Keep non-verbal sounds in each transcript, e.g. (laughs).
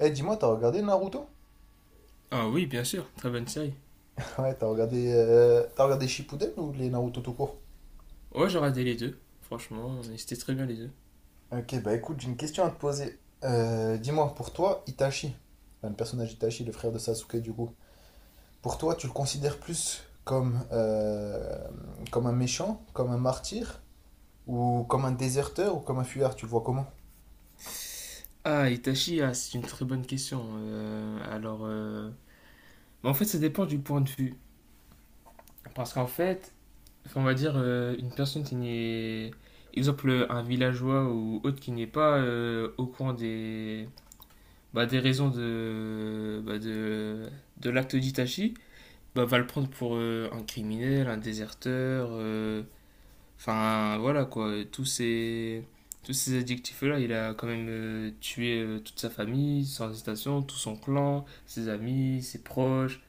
Eh, dis-moi, t'as regardé Naruto? Ah oui, bien sûr, très bonne série. (laughs) Ouais, t'as regardé Shippuden ou les Naruto tout court? Ouais, j'ai regardé les deux, franchement, et c'était très bien les deux. Ok, bah écoute, j'ai une question à te poser. Dis-moi, pour toi, Itachi, enfin, le personnage Itachi, le frère de Sasuke du coup, pour toi, tu le considères plus comme, comme un méchant, comme un martyr, ou comme un déserteur, ou comme un fuyard? Tu le vois comment? Ah, Itachi, ah, c'est une très bonne question. En fait, ça dépend du point de vue. Parce qu'en fait, on va dire une personne qui n'est, exemple, un villageois ou autre qui n'est pas au courant des raisons de l'acte d'Itachi, bah, va le prendre pour un criminel, un déserteur, Enfin, voilà quoi, tous ces adjectifs-là. Il a quand même tué toute sa famille, sans hésitation, tout son clan, ses amis, ses proches,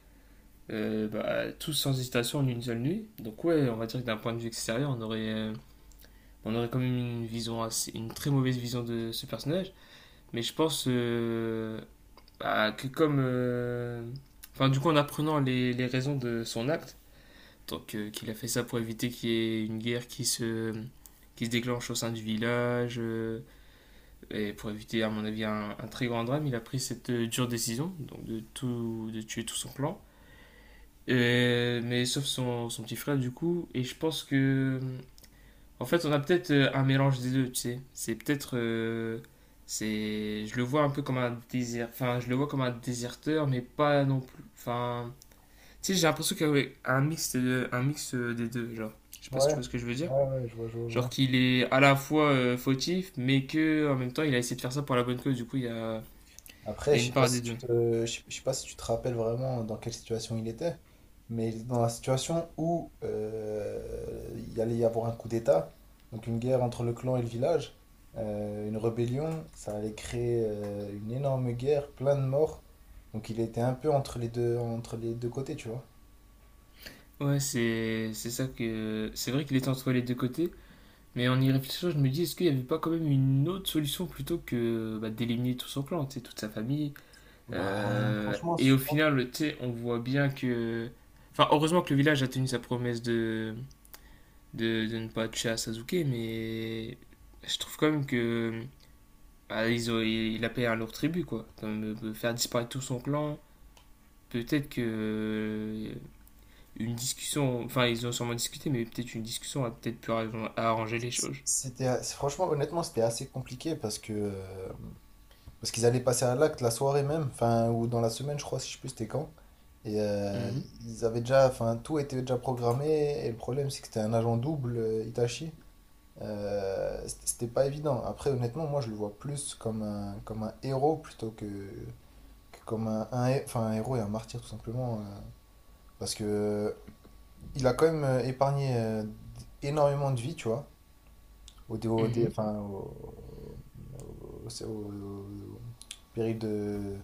bah, tous sans hésitation en une seule nuit. Donc, ouais, on va dire que d'un point de vue extérieur, on aurait quand même une très mauvaise vision de ce personnage. Mais je pense bah, que comme. Enfin, du coup, en apprenant les raisons de son acte, donc, qu'il a fait ça pour éviter qu'il y ait une guerre qui se déclenche au sein du village, et pour éviter, à mon avis, un très grand drame. Il a pris cette dure décision donc de tuer tout son clan. Mais sauf son petit frère, du coup. Et je pense que. En fait, on a peut-être un mélange des deux, tu sais. C'est peut-être. C'est je le vois un peu comme un désert enfin je le vois comme un déserteur, mais pas non plus. Enfin, tu sais, j'ai l'impression qu'il y a un mix, un mix des deux, genre. Je sais pas si tu Ouais, vois ce que je veux dire. ouais, ouais, je vois, je vois, je Genre vois. qu'il est à la fois fautif, mais que en même temps, il a essayé de faire ça pour la bonne cause. Du coup, Après, il y a une part des deux. Je sais pas si tu te rappelles vraiment dans quelle situation il était, mais il était dans la situation où il allait y avoir un coup d'État, donc une guerre entre le clan et le village, une rébellion, ça allait créer une énorme guerre, plein de morts, donc il était un peu entre les deux côtés, tu vois. Ouais, c'est ça que... C'est vrai qu'il est entre les deux côtés, mais en y réfléchissant, je me dis, est-ce qu'il n'y avait pas quand même une autre solution plutôt que bah, d'éliminer tout son clan, tu sais, toute sa famille. Bah, franchement, Et je au pense que final, tu sais, on voit bien que... Enfin, heureusement que le village a tenu sa promesse de ne pas toucher à Sasuke, mais je trouve quand même que bah, il a payé un lourd tribut, quoi. Comme, faire disparaître tout son clan, peut-être que une discussion, enfin ils ont sûrement discuté, mais peut-être une discussion a peut-être pu arranger les choses. c'était, franchement, honnêtement, c'était assez compliqué parce que parce qu'ils allaient passer à l'acte la soirée même, enfin, ou dans la semaine, je crois, si je sais plus, c'était quand. Et Mhm, ils avaient déjà, enfin, tout était déjà programmé. Et le problème, c'est que c'était un agent double, Itachi. C'était pas évident. Après, honnêtement, moi, je le vois plus comme comme un héros plutôt que comme enfin, un héros et un martyr, tout simplement. Parce que il a quand même épargné énormément de vies, tu vois mhm, enfin, au- au- au- péril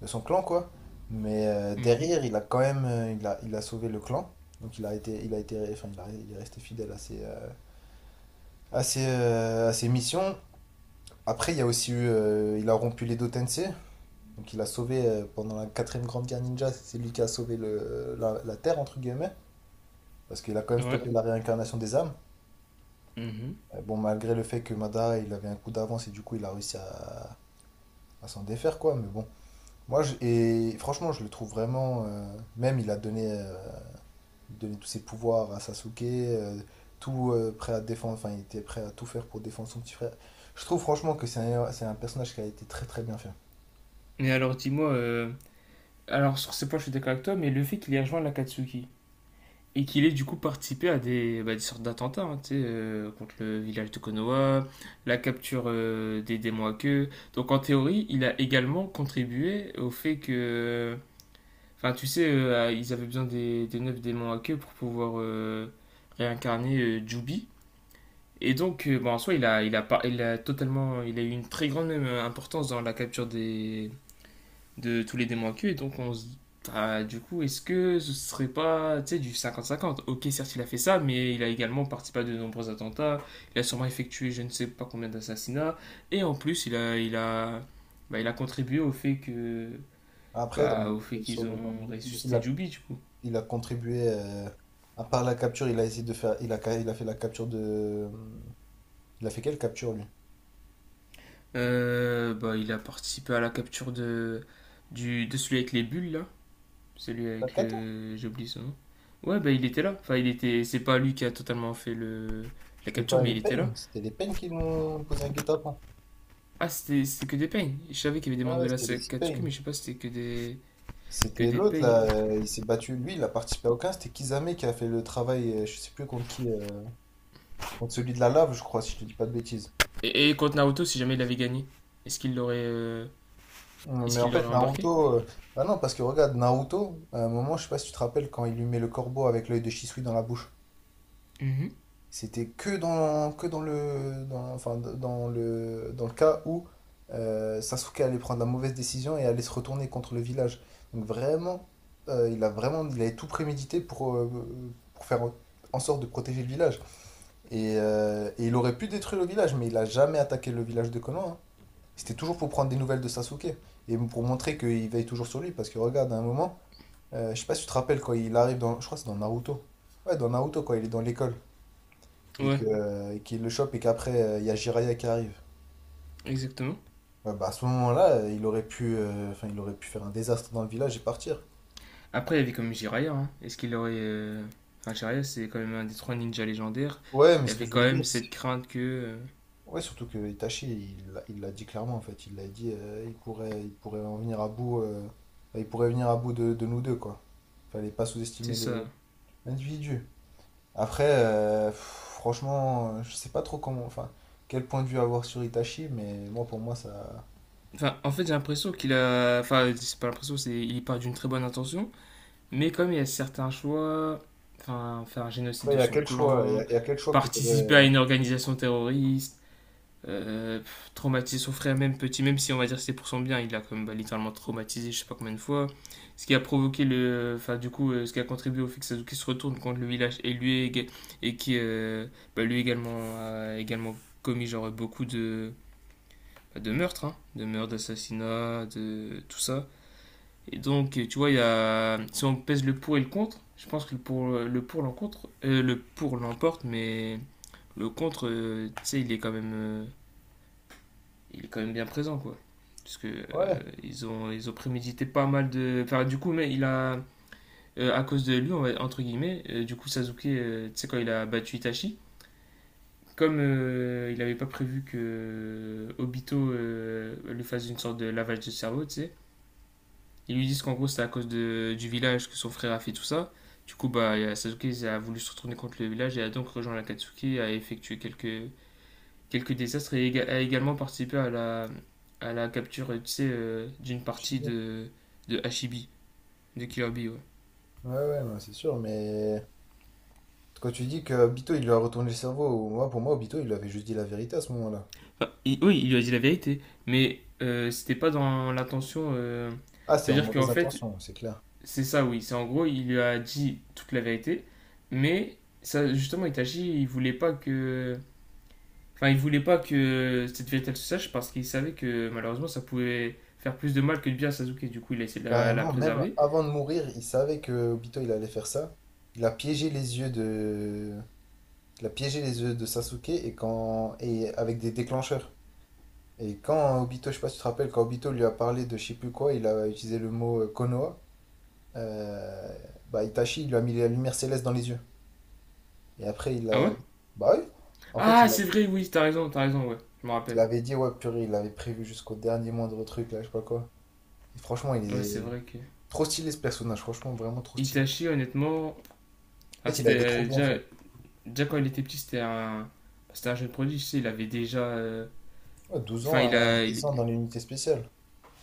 de son clan, quoi. Mais mhm. derrière, il a quand même il a sauvé le clan. Donc il a été, enfin, il est resté fidèle à ses, à ses, à ses missions. Après, il y a aussi eu, il a rompu les deux Tensei. Donc il a sauvé, pendant la quatrième grande guerre ninja, c'est lui qui a sauvé la Terre, entre guillemets. Parce qu'il a quand même Ouais. stoppé la réincarnation des âmes. Mhm. Bon, malgré le fait que Madara, il avait un coup d'avance et du coup, il a réussi à s'en défaire, quoi. Mais bon, et franchement, je le trouve vraiment. Même, il a donné, donné tous ses pouvoirs à Sasuke, tout prêt à défendre. Enfin, il était prêt à tout faire pour défendre son petit frère. Je trouve franchement que c'est c'est un personnage qui a été très très bien fait. Mais alors dis-moi, alors sur ce point je suis d'accord avec toi, mais le fait qu'il ait rejoint l'Akatsuki, et qu'il ait du coup participé à des, bah, des sortes d'attentats, hein, tu sais, contre le village de Konoha, la capture des démons à queue. Donc en théorie, il a également contribué au fait que. Enfin, tu sais, ils avaient besoin des neuf démons à queue pour pouvoir réincarner Jubi. Et donc, bon, en soi, il a, par- il a totalement. Il a eu une très grande importance dans la capture des, de tous les démons à queue. Et donc on se. Bah, du coup, est-ce que ce serait pas, tu sais, du 50-50. Ok, certes, il a fait ça, mais il a également participé à de nombreux attentats. Il a sûrement effectué je ne sais pas combien d'assassinats. Et en plus, il a contribué au fait que, Après, bah, au fait le- sur qu'ils le, dans le- ont il, il ressuscité a, Jubi, du coup. il a contribué. À part la capture, il a essayé de faire. Il a fait la capture de. Il a fait quelle capture lui? Bah, il a participé à la capture de celui avec les bulles, là. Celui Pas avec de le. J'oublie son nom. Ouais, bah, il était là. Enfin, il était. C'est pas lui qui a totalement fait le, la c'était capture, pas mais les il était là. Pain, c'était les Pain qui nous posaient un guet-apens. Ah, c'était que des pains. Je savais qu'il y avait des Ah mandats ouais, c'était les à Six Katsuki, Pain. mais je sais pas si c'était que des, que C'était des l'autre pains. là, il s'est battu, lui, il a participé à aucun, c'était Kizame qui a fait le travail, je sais plus contre qui, contre celui de la lave, je crois, si je te dis pas de bêtises. Et contre Naruto, si jamais il avait gagné, est-ce qu'il l'aurait euh, Mm, est-ce mais en qu'il fait, l'aurait embarqué. Naruto, bah non, parce que regarde, Naruto, à un moment, je sais pas si tu te rappelles, quand il lui met le corbeau avec l'œil de Shisui dans la bouche, Mhm. c'était que dans enfin, dans le cas où Sasuke allait prendre la mauvaise décision et allait se retourner contre le village. Donc vraiment, il a vraiment, il avait tout prémédité pour faire en sorte de protéger le village. Et il aurait pu détruire le village, mais il a jamais attaqué le village de Konoha, hein. C'était toujours pour prendre des nouvelles de Sasuke et pour montrer qu'il veille toujours sur lui. Parce que regarde, à un moment, je sais pas si tu te rappelles quand il arrive dans. Je crois que c'est dans Naruto. Ouais, dans Naruto, quand il est dans l'école et Ouais, que, et qu'il le chope et qu'après, il y a Jiraiya qui arrive. exactement. Ouais, bah à ce moment-là, il aurait pu, enfin, il aurait pu faire un désastre dans le village et partir. Après, il y avait comme Jiraiya, hein. Est-ce qu'il aurait. Enfin, Jiraiya, c'est quand même un des trois ninjas légendaires. Ouais, mais Il y ce que avait je quand veux dire, même c'est cette crainte que. Ouais, surtout que Itachi, il l'a dit clairement en fait. Il l'a dit, il pourrait en venir à bout. Enfin, il pourrait venir à bout de nous deux, quoi. Fallait pas C'est sous-estimer ça. le l'individu. Après, pff, franchement, je sais pas trop comment, enfin, quel point de vue avoir sur Itachi, mais moi, pour moi, ça. Enfin, en fait, j'ai l'impression qu'il a. Enfin, c'est pas l'impression, c'est il part d'une très bonne intention. Mais comme il y a certains choix, enfin, faire un génocide Ouais, il de y a son quel choix, clan, il y a quel choix que t'aurais. participer à une organisation terroriste, pff, traumatiser son frère même petit, même si on va dire que c'est pour son bien, il l'a quand même bah, littéralement traumatisé je sais pas combien de fois. Ce qui a provoqué le... Enfin du coup, ce qui a contribué au fait que Sasuke se retourne contre le village et lui, et qui lui également a également commis genre beaucoup de meurtres, hein, de meurtres, d'assassinats, de tout ça. Et donc, tu vois, il y a... si on pèse le pour et le contre, je pense que le pour l'emporte, mais le contre, tu sais, il est quand même bien présent, quoi. Parce que Ouais, ils ont prémédité pas mal de. Enfin, du coup, à cause de lui, on va- entre guillemets, du coup, Sasuke, tu sais, quand il a battu Itachi, comme il n'avait pas prévu que Obito lui fasse une sorte de lavage de cerveau, tu sais, ils lui disent qu'en gros, c'est à cause du village que son frère a fait tout ça. Du coup, bah, Sasuke a voulu se retourner contre le village et a donc rejoint l'Akatsuki, a effectué quelques désastres et a également participé à la capture, tu sais, d'une je sais partie bien. De Hashibi, de Killer Bee, ouais. Ouais, ouais, non, c'est sûr, mais quand tu dis que Obito, il lui a retourné le cerveau, moi, pour moi, Obito, il lui avait juste dit la vérité à ce moment-là. Enfin, oui, il lui a dit la vérité, mais c'était pas dans l'intention. Ah, c'était en C'est-à-dire qu'en mauvaise fait, intention, c'est clair. c'est ça, oui. C'est en gros, il lui a dit toute la vérité, mais ça, justement, Itachi, il voulait pas que. Enfin, il voulait pas que cette vérité elle se sache parce qu'il savait que malheureusement ça pouvait faire plus de mal que de bien à Sasuke. Du coup, il a essayé de la Carrément, même préserver. avant de mourir, il savait que Obito il allait faire ça. Il a piégé les yeux de, il a piégé les yeux de Sasuke et avec des déclencheurs. Et quand Obito, je sais pas si tu te rappelles, quand Obito lui a parlé de je sais plus quoi, il a utilisé le mot Konoha. euh, Bah Itachi, il lui a mis la lumière céleste dans les yeux. Et après, Ah ouais. Bah oui. En fait, Ah, c'est vrai, oui, ouais. Je me il rappelle. avait dit ouais purée, il avait prévu jusqu'au dernier moindre truc là, je sais pas quoi. Et franchement, il Ouais, c'est est vrai que. trop stylé ce personnage. Franchement, vraiment trop stylé. Itachi, honnêtement. En Ah, fait, il a c'était été trop bien fait. déjà quand il était petit, c'était un. C'était un jeune prodige, tu sais, il avait déjà. Ouais, 12 Enfin, ans il à a. il- 10 ans dans l'unité spéciale.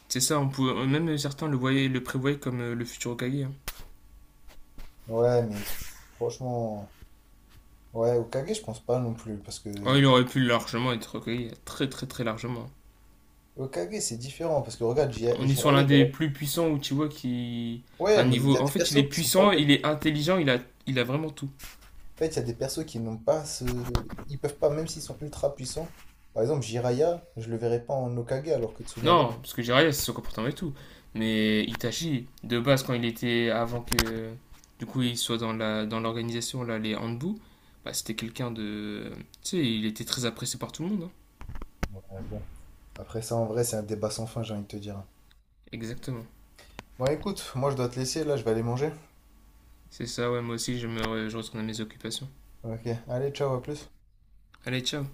C'est ça, on pouvait... même certains voyaient, le prévoyaient comme le futur Hokage, hein. Ouais, mais franchement, ouais, Okage, je pense pas non plus, parce Oh, que il aurait pu largement être Hokage, très très très largement. Okage, c'est différent, parce que regarde, On est sur Jiraiya, l'un il des aurait- plus puissants Uchiwa qui. Ouais, Enfin, mais il y niveau. a En des fait, il est persos qui sont pas puissant, faits. il est intelligent, il a vraiment tout. En fait, il y a des persos qui n'ont pas ce... Ils peuvent pas, même s'ils sont ultra puissants. Par exemple, Jiraiya, je le verrais pas en Okage, alors que Tsunade... Non, parce que Jiraiya, c'est son comportement et tout. Mais Itachi, de base, quand il était. Avant que. Du coup, il soit dans la dans l'organisation, là, les Hanbu, bah, c'était quelqu'un de. Tu sais, il était très apprécié par tout le monde, hein. Ouais, bon. Après ça, en vrai, c'est un débat sans fin, j'ai envie de te dire. Exactement. Bon, écoute, moi, je dois te laisser, là, je vais aller manger. C'est ça, ouais, moi aussi, je retourne à mes occupations. Ok, allez, ciao, à plus. Allez, ciao.